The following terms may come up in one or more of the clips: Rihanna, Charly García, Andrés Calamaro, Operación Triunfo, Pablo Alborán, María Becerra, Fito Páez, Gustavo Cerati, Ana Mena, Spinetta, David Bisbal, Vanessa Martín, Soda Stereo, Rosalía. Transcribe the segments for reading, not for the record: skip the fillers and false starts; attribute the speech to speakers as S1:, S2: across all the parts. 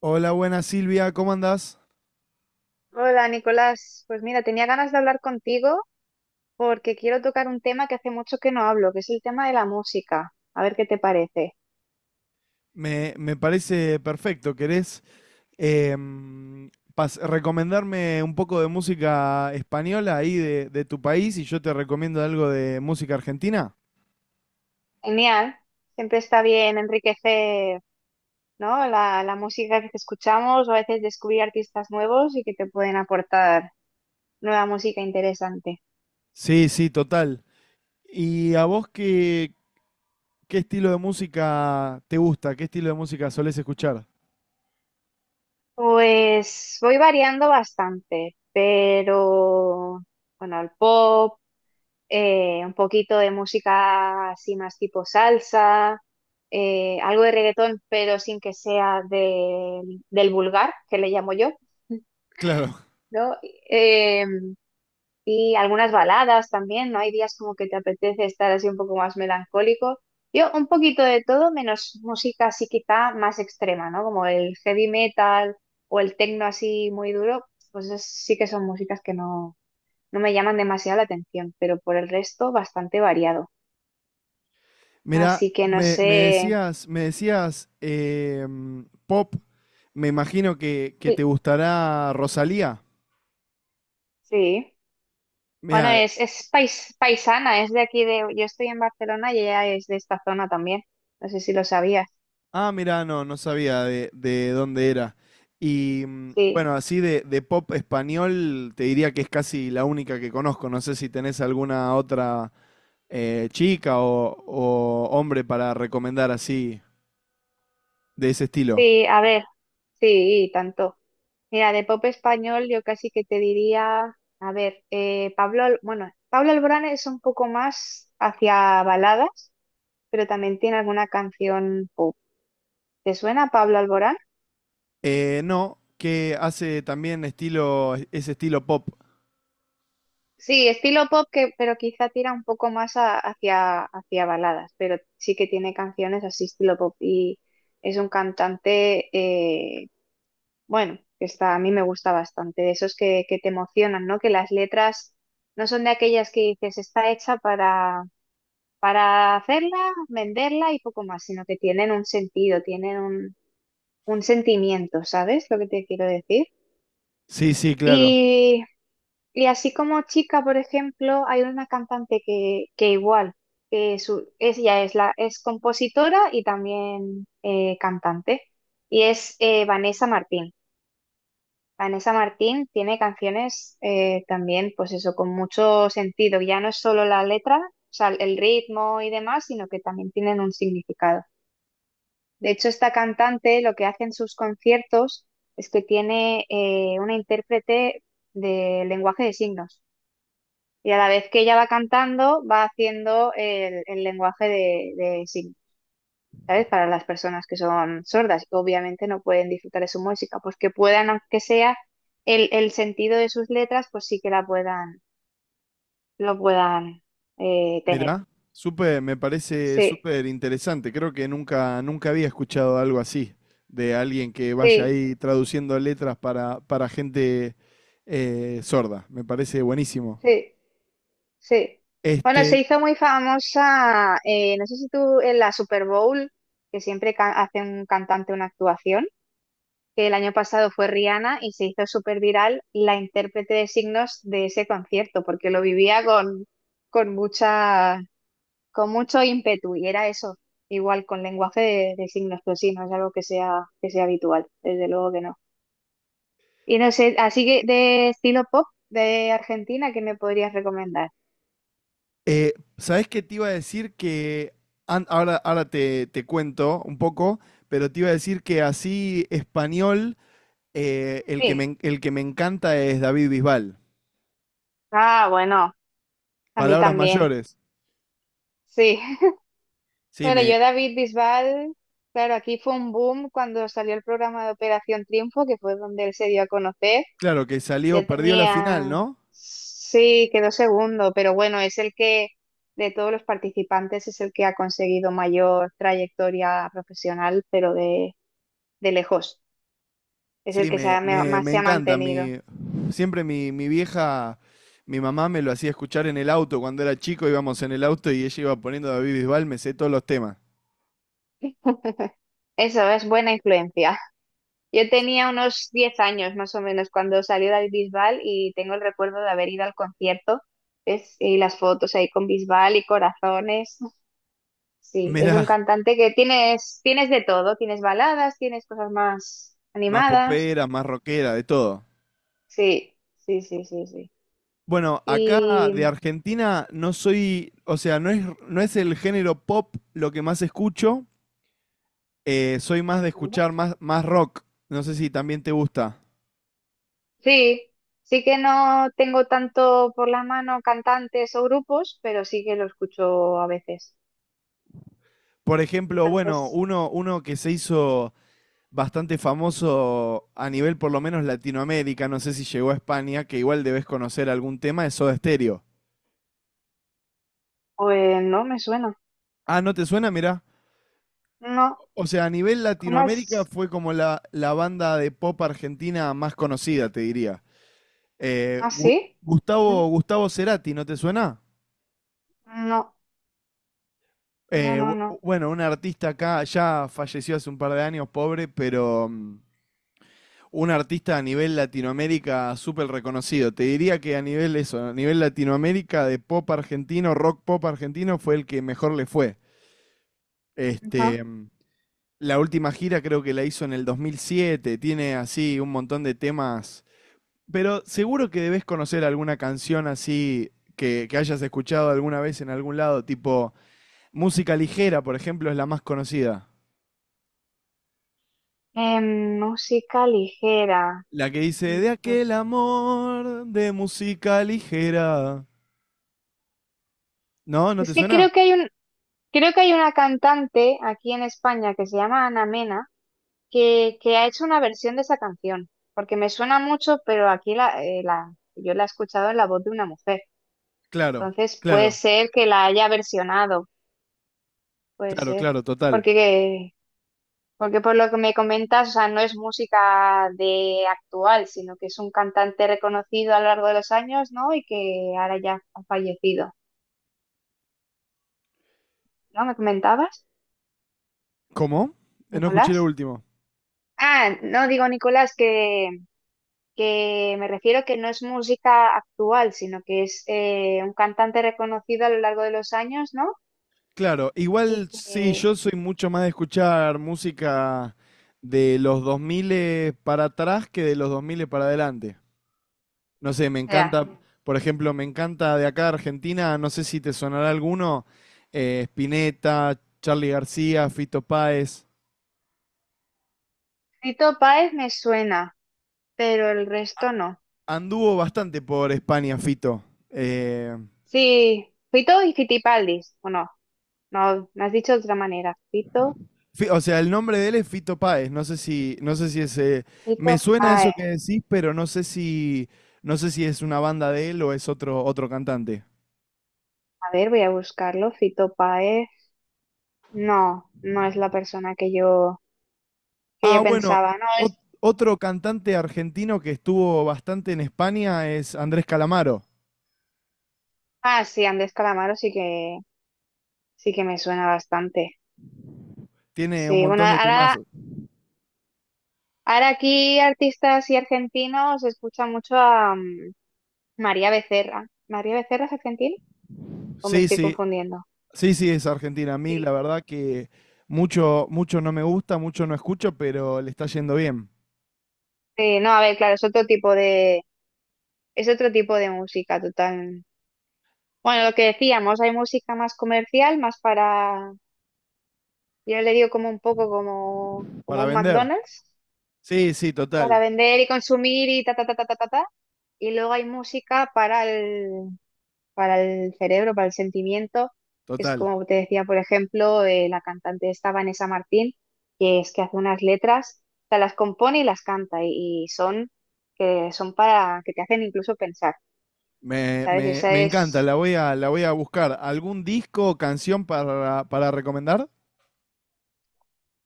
S1: Hola, buenas Silvia, ¿cómo andás?
S2: Hola Nicolás, pues mira, tenía ganas de hablar contigo porque quiero tocar un tema que hace mucho que no hablo, que es el tema de la música. A ver qué te parece.
S1: Me parece perfecto. ¿Querés em, recomendarme un poco de música española ahí de tu país y yo te recomiendo algo de música argentina?
S2: Genial, siempre está bien enriquecer, ¿no? La música que escuchamos o a veces descubrir artistas nuevos y que te pueden aportar nueva música interesante.
S1: Sí, sí, total. ¿Y a vos qué estilo de música te gusta? ¿Qué estilo de música solés escuchar?
S2: Pues voy variando bastante, pero bueno, al pop. Un poquito de música así más tipo salsa, algo de reggaetón, pero sin que sea del vulgar, que le llamo yo,
S1: Claro.
S2: ¿no? Eh, y algunas baladas también, ¿no? Hay días como que te apetece estar así un poco más melancólico. Yo un poquito de todo, menos música así quizá más extrema, ¿no? Como el heavy metal o el techno así muy duro, pues sí que son músicas que no, no me llaman demasiado la atención, pero por el resto bastante variado.
S1: Mirá,
S2: Así que no sé.
S1: me decías pop, me imagino que te
S2: Sí.
S1: gustará Rosalía.
S2: Sí. Bueno,
S1: Mira,
S2: es paisana, es de aquí de. Yo estoy en Barcelona y ella es de esta zona también. No sé si lo sabías.
S1: ah, mirá, no, no sabía de dónde era. Y
S2: Sí,
S1: bueno, así de pop español, te diría que es casi la única que conozco. No sé si tenés alguna otra chica o hombre para recomendar así, de ese estilo.
S2: sí, a ver. Sí, tanto. Mira, de pop español yo casi que te diría. A ver, Pablo. Bueno, Pablo Alborán es un poco más hacia baladas, pero también tiene alguna canción pop. ¿Te suena Pablo Alborán?
S1: No, que hace también estilo, ese estilo pop.
S2: Sí, estilo pop, pero quizá tira un poco más hacia baladas, pero sí que tiene canciones así estilo pop y es un cantante, bueno, que está, a mí me gusta bastante, de esos que te emocionan, ¿no? Que las letras no son de aquellas que dices, está hecha para hacerla, venderla y poco más, sino que tienen un sentido, tienen un sentimiento, ¿sabes lo que te quiero decir?
S1: Sí, sí, claro.
S2: Y así como chica, por ejemplo, hay una cantante que igual, ella es compositora y también cantante, y es Vanessa Martín. Vanessa Martín tiene canciones también, pues eso, con mucho sentido. Ya no es solo la letra, o sea, el ritmo y demás, sino que también tienen un significado. De hecho, esta cantante lo que hace en sus conciertos es que tiene una intérprete de lenguaje de signos. Y a la vez que ella va cantando, va haciendo el lenguaje de signos, ¿sabes? Para las personas que son sordas, que obviamente no pueden disfrutar de su música, pues que puedan, aunque sea el sentido de sus letras, pues sí que lo puedan tener.
S1: Mirá, súper, me parece
S2: Sí,
S1: súper interesante. Creo que nunca había escuchado algo así, de alguien que vaya
S2: sí,
S1: ahí traduciendo letras para gente sorda. Me parece buenísimo.
S2: sí, sí. Bueno, se
S1: Este,
S2: hizo muy famosa, no sé si tú en la Super Bowl, que siempre hace un cantante una actuación. Que el año pasado fue Rihanna y se hizo súper viral la intérprete de signos de ese concierto, porque lo vivía con mucha, con mucho ímpetu y era eso, igual con lenguaje de signos, pero sí, no es algo que sea habitual, desde luego que no. Y no sé, así que de estilo pop de Argentina, ¿qué me podrías recomendar?
S1: ¿sabés qué te iba a decir? Que ahora te cuento un poco, pero te iba a decir que así español, el que
S2: Sí.
S1: el que me encanta es David Bisbal.
S2: Ah, bueno, a mí
S1: Palabras
S2: también.
S1: mayores.
S2: Sí.
S1: Sí,
S2: Bueno,
S1: me,
S2: yo David Bisbal, claro, aquí fue un boom cuando salió el programa de Operación Triunfo, que fue donde él se dio a conocer.
S1: claro que salió,
S2: Ya
S1: perdió la final,
S2: tenía,
S1: ¿no?
S2: sí, quedó segundo, pero bueno, es el que de todos los participantes es el que ha conseguido mayor trayectoria profesional, pero de lejos. Es el
S1: Sí,
S2: que
S1: me, me,
S2: más
S1: me
S2: se ha
S1: encanta.
S2: mantenido.
S1: Mi, siempre mi vieja, mi mamá me lo hacía escuchar en el auto. Cuando era chico íbamos en el auto y ella iba poniendo David Bisbal, me sé todos los temas.
S2: Eso es buena influencia. Yo tenía unos 10 años más o menos cuando salió David Bisbal y tengo el recuerdo de haber ido al concierto y las fotos ahí con Bisbal y corazones. Sí, es un
S1: Mirá,
S2: cantante que tienes de todo, tienes baladas, tienes cosas más
S1: más
S2: animadas.
S1: popera, más rockera, de todo.
S2: Sí, sí, sí, sí, sí.
S1: Bueno, acá de
S2: Y
S1: Argentina no soy, o sea, no es el género pop lo que más escucho. Eh, soy más de
S2: ¿vale?
S1: escuchar más rock. No sé si también te gusta.
S2: Sí, sí que no tengo tanto por la mano cantantes o grupos, pero sí que lo escucho a veces.
S1: Por ejemplo, bueno,
S2: Entonces,
S1: uno que se hizo bastante famoso a nivel por lo menos Latinoamérica, no sé si llegó a España, que igual debes conocer algún tema, es Soda Stereo.
S2: pues no me suena.
S1: Ah, ¿no te suena? Mirá.
S2: No,
S1: O sea, a nivel
S2: ¿cómo
S1: Latinoamérica
S2: es?
S1: fue como la banda de pop argentina más conocida, te diría. Eh,
S2: ¿Ah,
S1: Gu-
S2: sí? ¿Mm?
S1: Gustavo Cerati, ¿no te suena?
S2: No, no, no, no.
S1: Bueno, un artista acá ya falleció hace un par de años, pobre, pero un artista a nivel Latinoamérica súper reconocido. Te diría que a nivel eso, a nivel Latinoamérica de pop argentino, rock pop argentino, fue el que mejor le fue.
S2: Ajá.
S1: Este, mm, la última gira creo que la hizo en el 2007, tiene así un montón de temas, pero seguro que debes conocer alguna canción así que hayas escuchado alguna vez en algún lado, tipo música ligera, por ejemplo, es la más conocida.
S2: Música ligera.
S1: La que dice,
S2: Mm,
S1: de aquel
S2: pues,
S1: amor de música ligera. ¿No? ¿No
S2: es
S1: te
S2: que
S1: suena?
S2: creo que hay una cantante aquí en España que se llama Ana Mena que ha hecho una versión de esa canción, porque me suena mucho, pero aquí yo la he escuchado en la voz de una mujer.
S1: Claro,
S2: Entonces puede
S1: claro,
S2: ser que la haya versionado, puede ser,
S1: claro, total.
S2: porque Porque por lo que me comentas, o sea, no es música de actual, sino que es un cantante reconocido a lo largo de los años, ¿no? Y que ahora ya ha fallecido, ¿no? ¿Me comentabas,
S1: ¿Cómo? No escuché lo
S2: Nicolás?
S1: último.
S2: Ah, no digo Nicolás, que me refiero que no es música actual, sino que es un cantante reconocido a lo largo de los años, ¿no?
S1: Claro,
S2: Y
S1: igual sí,
S2: que,
S1: yo soy mucho más de escuchar música de los 2000 para atrás que de los 2000 para adelante. No sé, me
S2: ya,
S1: encanta, por ejemplo, me encanta de acá de Argentina, no sé si te sonará alguno, Spinetta, Charly García, Fito Páez.
S2: Fito Páez me suena, pero el resto no.
S1: Anduvo bastante por España, Fito. Eh,
S2: Sí, Fito y Fitipaldis, ¿o no? No, me has dicho de otra manera. Fito,
S1: O sea, el nombre de él es Fito Páez. No sé no sé si es. Eh,
S2: Fito
S1: me suena eso
S2: Páez.
S1: que decís, pero no sé no sé si es una banda de él o es otro, otro cantante.
S2: A ver, voy a buscarlo. Fito Páez. No, no es la persona que yo
S1: Ah, bueno,
S2: pensaba. No, es.
S1: otro cantante argentino que estuvo bastante en España es Andrés Calamaro.
S2: Ah, sí, Andrés Calamaro sí que me suena bastante.
S1: Tiene un
S2: Sí, bueno,
S1: montón de
S2: ahora,
S1: temazos.
S2: ahora aquí artistas y argentinos escucha mucho a María Becerra. ¿María Becerra es argentina? ¿O me
S1: Sí,
S2: estoy
S1: sí,
S2: confundiendo?
S1: sí, es Argentina. A mí, la
S2: Sí,
S1: verdad que mucho no me gusta, mucho no escucho, pero le está yendo bien
S2: sí, no, a ver, claro, es otro tipo de música total. Bueno, lo que decíamos, hay música más comercial, más para, yo le digo como un poco como,
S1: para
S2: como un
S1: vender.
S2: McDonald's,
S1: Sí, sí,
S2: para vender y consumir y ta, ta, ta, ta, ta, ta, ta. Y luego hay música para el cerebro, para el sentimiento, que es
S1: total.
S2: como te decía, por ejemplo, la cantante esta Vanessa Martín, que es que hace unas letras, o sea, las compone y las canta y son, que son para, que te hacen incluso pensar,
S1: Me,
S2: ¿sabes? Y
S1: me,
S2: esa
S1: me encanta,
S2: es...
S1: la voy a buscar. ¿Algún disco o canción para recomendar?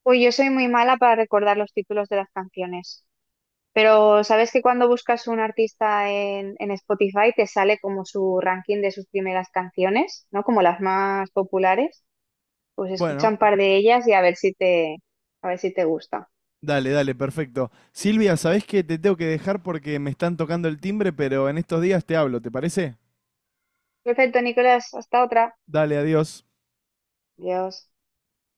S2: Uy, yo soy muy mala para recordar los títulos de las canciones. Pero sabes que cuando buscas un artista en Spotify te sale como su ranking de sus primeras canciones, ¿no? Como las más populares. Pues escucha
S1: Bueno,
S2: un par de ellas y a ver a ver si te gusta.
S1: dale, dale, perfecto. Silvia, ¿sabés que te tengo que dejar porque me están tocando el timbre, pero en estos días te hablo, ¿te parece?
S2: Perfecto, Nicolás, hasta otra.
S1: Dale, adiós.
S2: Adiós.